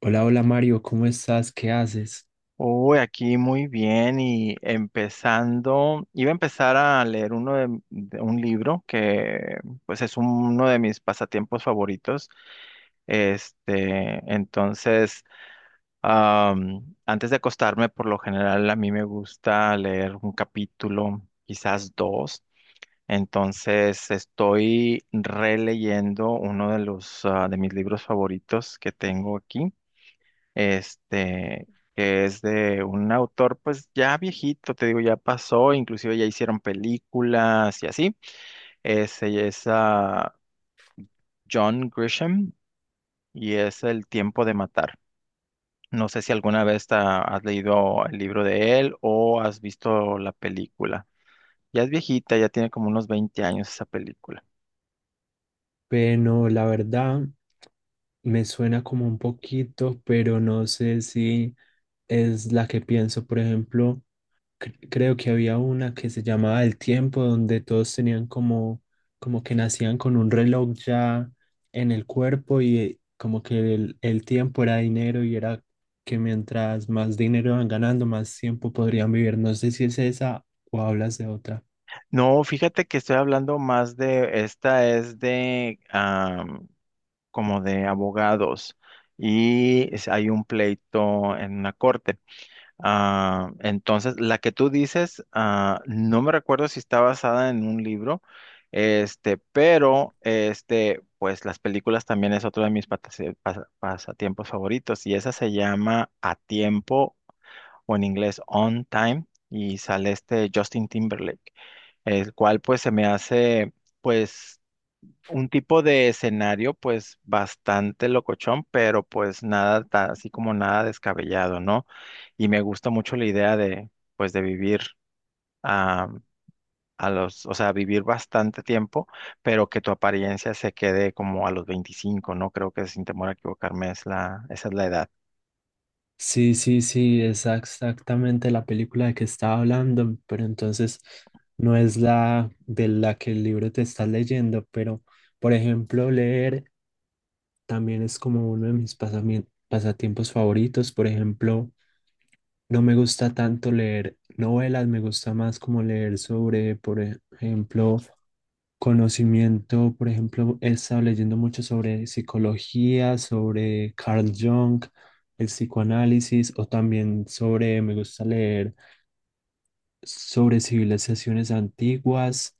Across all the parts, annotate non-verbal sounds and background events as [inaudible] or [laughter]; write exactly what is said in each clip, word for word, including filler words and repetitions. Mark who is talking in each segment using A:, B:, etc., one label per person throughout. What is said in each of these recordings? A: Hola, hola Mario, ¿cómo estás? ¿Qué haces?
B: Uy, aquí muy bien y empezando, iba a empezar a leer uno de, de un libro que pues es uno de mis pasatiempos favoritos. Este, entonces, am, antes de acostarme, por lo general a mí me gusta leer un capítulo, quizás dos. Entonces, estoy releyendo uno de los ah, de mis libros favoritos que tengo aquí este, que es de un autor pues ya viejito, te digo, ya pasó, inclusive ya hicieron películas y así. Ese es ah, John Grisham y es El tiempo de matar. No sé si alguna vez te has leído el libro de él o has visto la película. Ya es viejita, ya tiene como unos veinte años esa película.
A: Bueno, la verdad me suena como un poquito, pero no sé si es la que pienso. Por ejemplo, cre- creo que había una que se llamaba El Tiempo, donde todos tenían como, como que nacían con un reloj ya en el cuerpo y eh, como que el, el tiempo era dinero y era que mientras más dinero iban ganando, más tiempo podrían vivir. No sé si es esa o hablas de otra.
B: No, fíjate que estoy hablando más de, esta es de, como de abogados y es- hay un pleito en una corte. Ah, entonces, la que tú dices, ah, no me recuerdo si está basada en un libro, este, pero este, pues las películas también es otro de mis patase- pas- pasatiempos favoritos y esa se llama A Tiempo o en inglés On Time, y sale este Justin Timberlake, el cual pues se me hace pues un tipo de escenario pues bastante locochón, pero pues nada, ta- así como nada descabellado, ¿no? Y me gusta mucho la idea de pues de vivir a, a los, o sea, vivir bastante tiempo, pero que tu apariencia se quede como a los veinticinco, ¿no? Creo que sin temor a equivocarme es la, esa es la edad.
A: Sí, sí, sí, es exactamente la película de que estaba hablando, pero entonces no es la de la que el libro te está leyendo, pero por ejemplo, leer también es como uno de mis pasami- pasatiempos favoritos, por ejemplo. No me gusta tanto leer novelas, me gusta más como leer sobre, por ejemplo, conocimiento. Por ejemplo, he estado leyendo mucho sobre psicología, sobre Carl Jung, el psicoanálisis, o también sobre, me gusta leer sobre civilizaciones antiguas,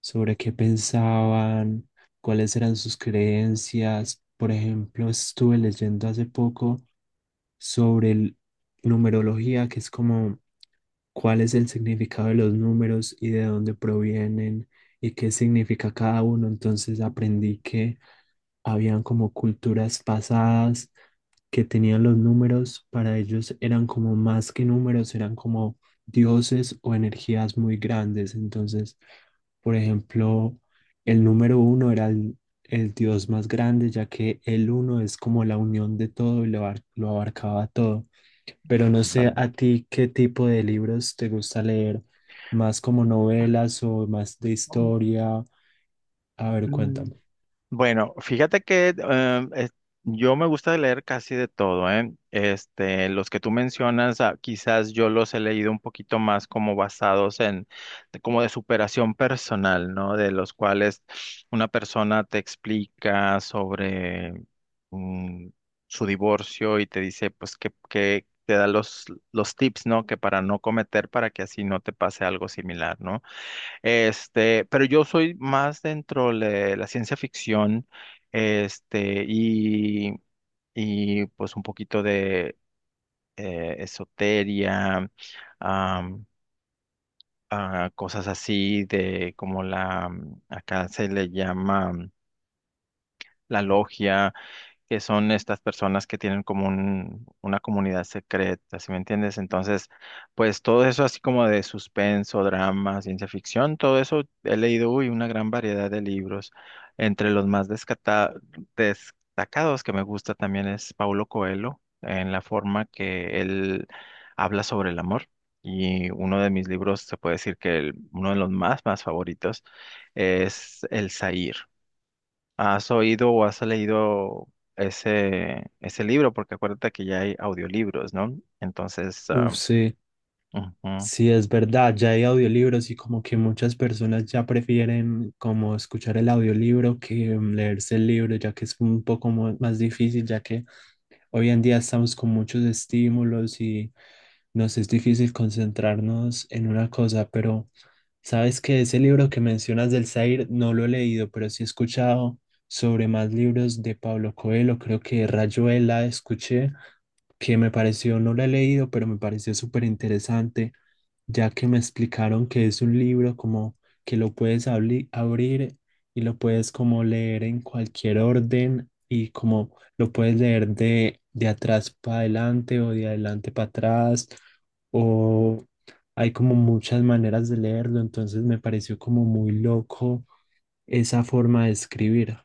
A: sobre qué pensaban, cuáles eran sus creencias. Por ejemplo, estuve leyendo hace poco sobre el- numerología, que es como cuál es el significado de los números y de dónde provienen y qué significa cada uno. Entonces aprendí que habían como culturas pasadas que tenían los números, para ellos eran como más que números, eran como dioses o energías muy grandes. Entonces, por ejemplo, el número uno era el, el dios más grande, ya que el uno es como la unión de todo y lo, lo abarcaba todo. Pero no sé
B: Ándale.
A: a ti qué tipo de libros te gusta leer, más como novelas o más de historia. A ver,
B: Mm,
A: cuéntame.
B: Bueno, fíjate que em, es- yo me gusta leer casi de todo, ¿eh? Este, los que tú mencionas, ah, quizás yo los he leído un poquito más como basados en, de- como de superación personal, ¿no? De los cuales una persona te explica sobre mm, su divorcio y te dice, pues, que, que te da los, los tips, ¿no? Que para no cometer, para que así no te pase algo similar, ¿no? Este, pero yo soy más dentro de la ciencia ficción, este, y, y pues un poquito de eh, esoteria, am, ah, cosas así de como la, mm, acá se le llama mm, la logia, que son estas personas que tienen como un- una comunidad secreta, ¿sí me entiendes? Entonces, pues todo eso así como de suspenso, drama, ciencia ficción, todo eso he leído, uy, una gran variedad de libros. Entre los más descata- destacados que me gusta también es Paulo Coelho, en la forma que él habla sobre el amor. Y uno de mis libros, se puede decir que el- uno de los más, más favoritos es El Zahir. ¿Has oído o has leído ese, ese libro? Porque acuérdate que ya hay audiolibros, ¿no? Entonces, ah,
A: Uf, sí,
B: ujú.
A: sí, es verdad, ya hay audiolibros y como que muchas personas ya prefieren como escuchar el audiolibro que mm, leerse el libro, ya que es un poco mo- más difícil, ya que hoy en día estamos con muchos estímulos y nos es difícil concentrarnos en una cosa, pero... Sabes que ese libro que mencionas del Zair no lo he leído, pero sí he escuchado sobre más libros de Pablo Coelho, creo que Rayuela escuché, que me pareció, no la he leído, pero me pareció súper interesante, ya que me explicaron que es un libro como que lo puedes abli- abrir y lo puedes como leer en cualquier orden y como lo puedes leer de, de atrás para adelante o de adelante para atrás o hay como muchas maneras de leerlo, entonces me pareció como muy loco esa forma de escribir.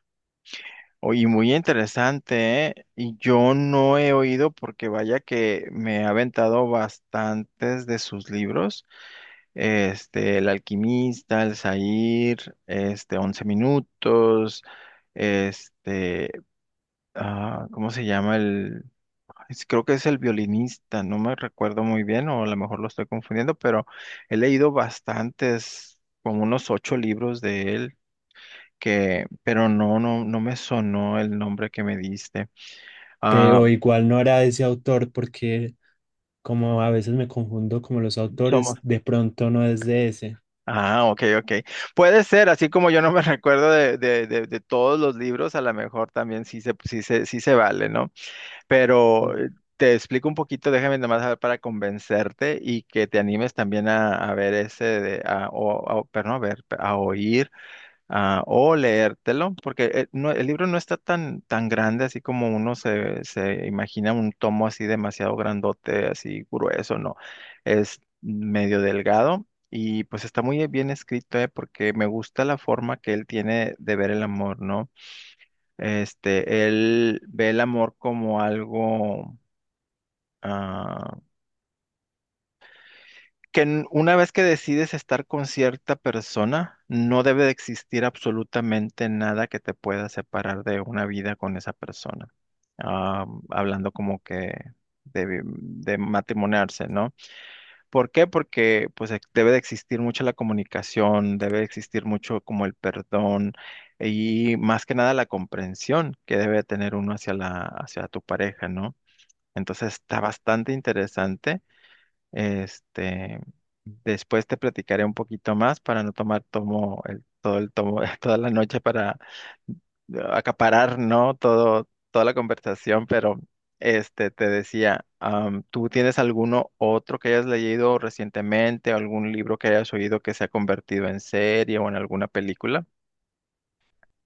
B: Oye, muy interesante, ¿eh? Y yo no he oído porque vaya que me he aventado bastantes de sus libros. Este, El Alquimista, El Zahir, este, Once Minutos, este, ah, ¿cómo se llama? Es- Creo que es el violinista, no me recuerdo muy bien, o a lo mejor lo estoy confundiendo, pero he leído bastantes, como unos ocho libros de él, que, pero no, no, no me sonó el nombre que me diste. Ah,
A: Pero igual no era ese autor porque como a veces me confundo como los autores,
B: somos.
A: de pronto no es de ese.
B: Ah, ok, ok. Puede ser, así como yo no me [laughs] recuerdo de, de, de, de todos los libros, a lo mejor también sí se, sí se, sí se vale, ¿no? Pero
A: ¿Sí?
B: eh, te explico un poquito, déjame nomás saber para convencerte y que te animes también a, a ver ese, de, a, o, a- perdón, a ver, a oír a- o leértelo, porque eh, no- el libro no está tan, tan grande así como uno se, se imagina un tomo así demasiado grandote, así grueso, no, es medio delgado. Y pues está muy bien escrito, eh, porque me gusta la forma que él tiene de ver el amor, ¿no? Este, él ve el amor como algo ah, que n- una vez que decides estar con cierta persona, no debe de existir absolutamente nada que te pueda separar de una vida con esa persona. Ah, hablando como que de, vi- de matrimoniarse, ¿no? ¿Por qué? Porque pues ex- debe de existir mucho la comunicación, debe de existir mucho como el perdón, y más que nada la comprensión que debe de tener uno hacia la, hacia tu pareja, ¿no? Entonces está bastante interesante. Este, después te platicaré un poquito más para no tomar tomo, el- todo el tomo, [laughs] toda la noche para acaparar, ¿no? Todo, toda la conversación, pero este, te decía, am, ¿tú tienes alguno otro que hayas leído recientemente, algún libro que hayas oído que se ha convertido en serie o en alguna película?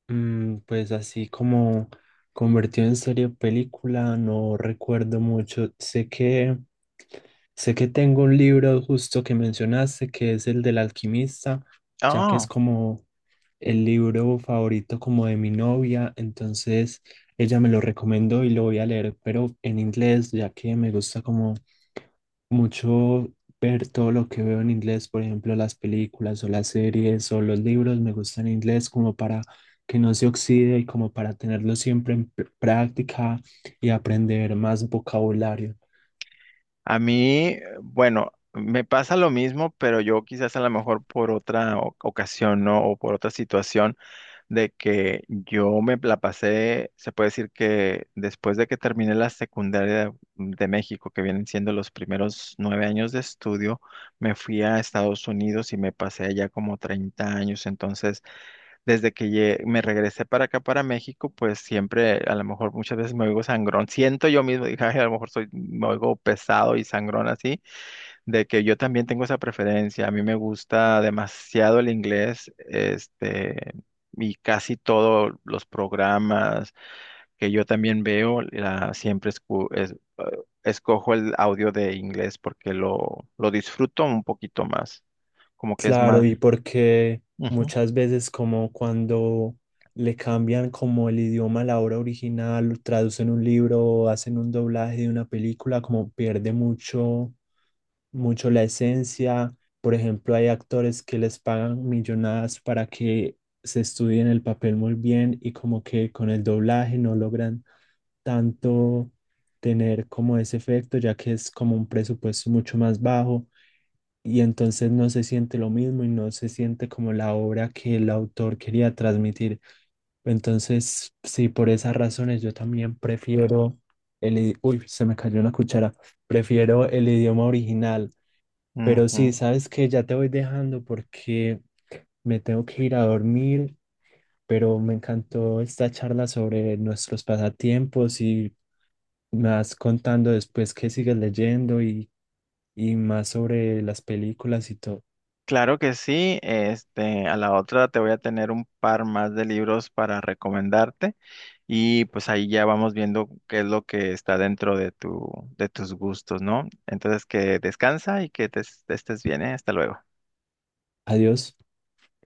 A: Mm, pues así como convertido en serie o película, no recuerdo mucho. Sé que, sé que tengo un libro justo que mencionaste, que es el del alquimista, ya que es
B: Ah,
A: como el libro favorito como de mi novia, entonces ella me lo recomendó y lo voy a leer, pero en inglés, ya que me gusta como mucho ver todo lo que veo en inglés, por ejemplo, las películas o las series o los libros me gustan en inglés como para que no se oxide y como para tenerlo siempre en pr- práctica y aprender más vocabulario.
B: a mí, bueno, me pasa lo mismo, pero yo quizás a lo mejor por otra o- ocasión, ¿no? O por otra situación. De que yo me la pasé, se puede decir que después de que terminé la secundaria de México, que vienen siendo los primeros nueve años de estudio, me fui a Estados Unidos y me pasé allá como treinta años. Entonces, desde que lle- me regresé para acá, para México, pues siempre, a lo mejor muchas veces me oigo sangrón. Siento yo mismo, dije: "Ay, a lo mejor soy, me oigo pesado y sangrón así, de que yo también tengo esa preferencia. A mí me gusta demasiado el inglés", este, y casi todos los programas que yo también veo, la- siempre escu- es- eh, escojo el audio de inglés porque lo, lo disfruto un poquito más, como que es
A: Claro,
B: más.
A: y porque
B: Ujú,
A: muchas veces como cuando le cambian como el idioma a la obra original, traducen un libro o hacen un doblaje de una película, como pierde mucho mucho la esencia. Por ejemplo, hay actores que les pagan millonadas para que se estudien el papel muy bien y como que con el doblaje no logran tanto tener como ese efecto, ya que es como un presupuesto mucho más bajo y entonces no se siente lo mismo y no se siente como la obra que el autor quería transmitir. Entonces, sí, por esas razones yo también prefiero el... i- Uy, se me cayó una cuchara. Prefiero el idioma original, pero sí,
B: ujú.
A: sabes que ya te voy dejando porque me tengo que ir a dormir, pero me encantó esta charla sobre nuestros pasatiempos y me vas contando después qué sigues leyendo y, y más sobre las películas y todo.
B: Claro que sí, este, a la otra te voy a tener un par más de libros para recomendarte y pues ahí ya vamos viendo qué es lo que está dentro de tu, de tus gustos, ¿no? Entonces que descansa y que te, estés bien, ¿eh? Hasta luego.
A: Adiós.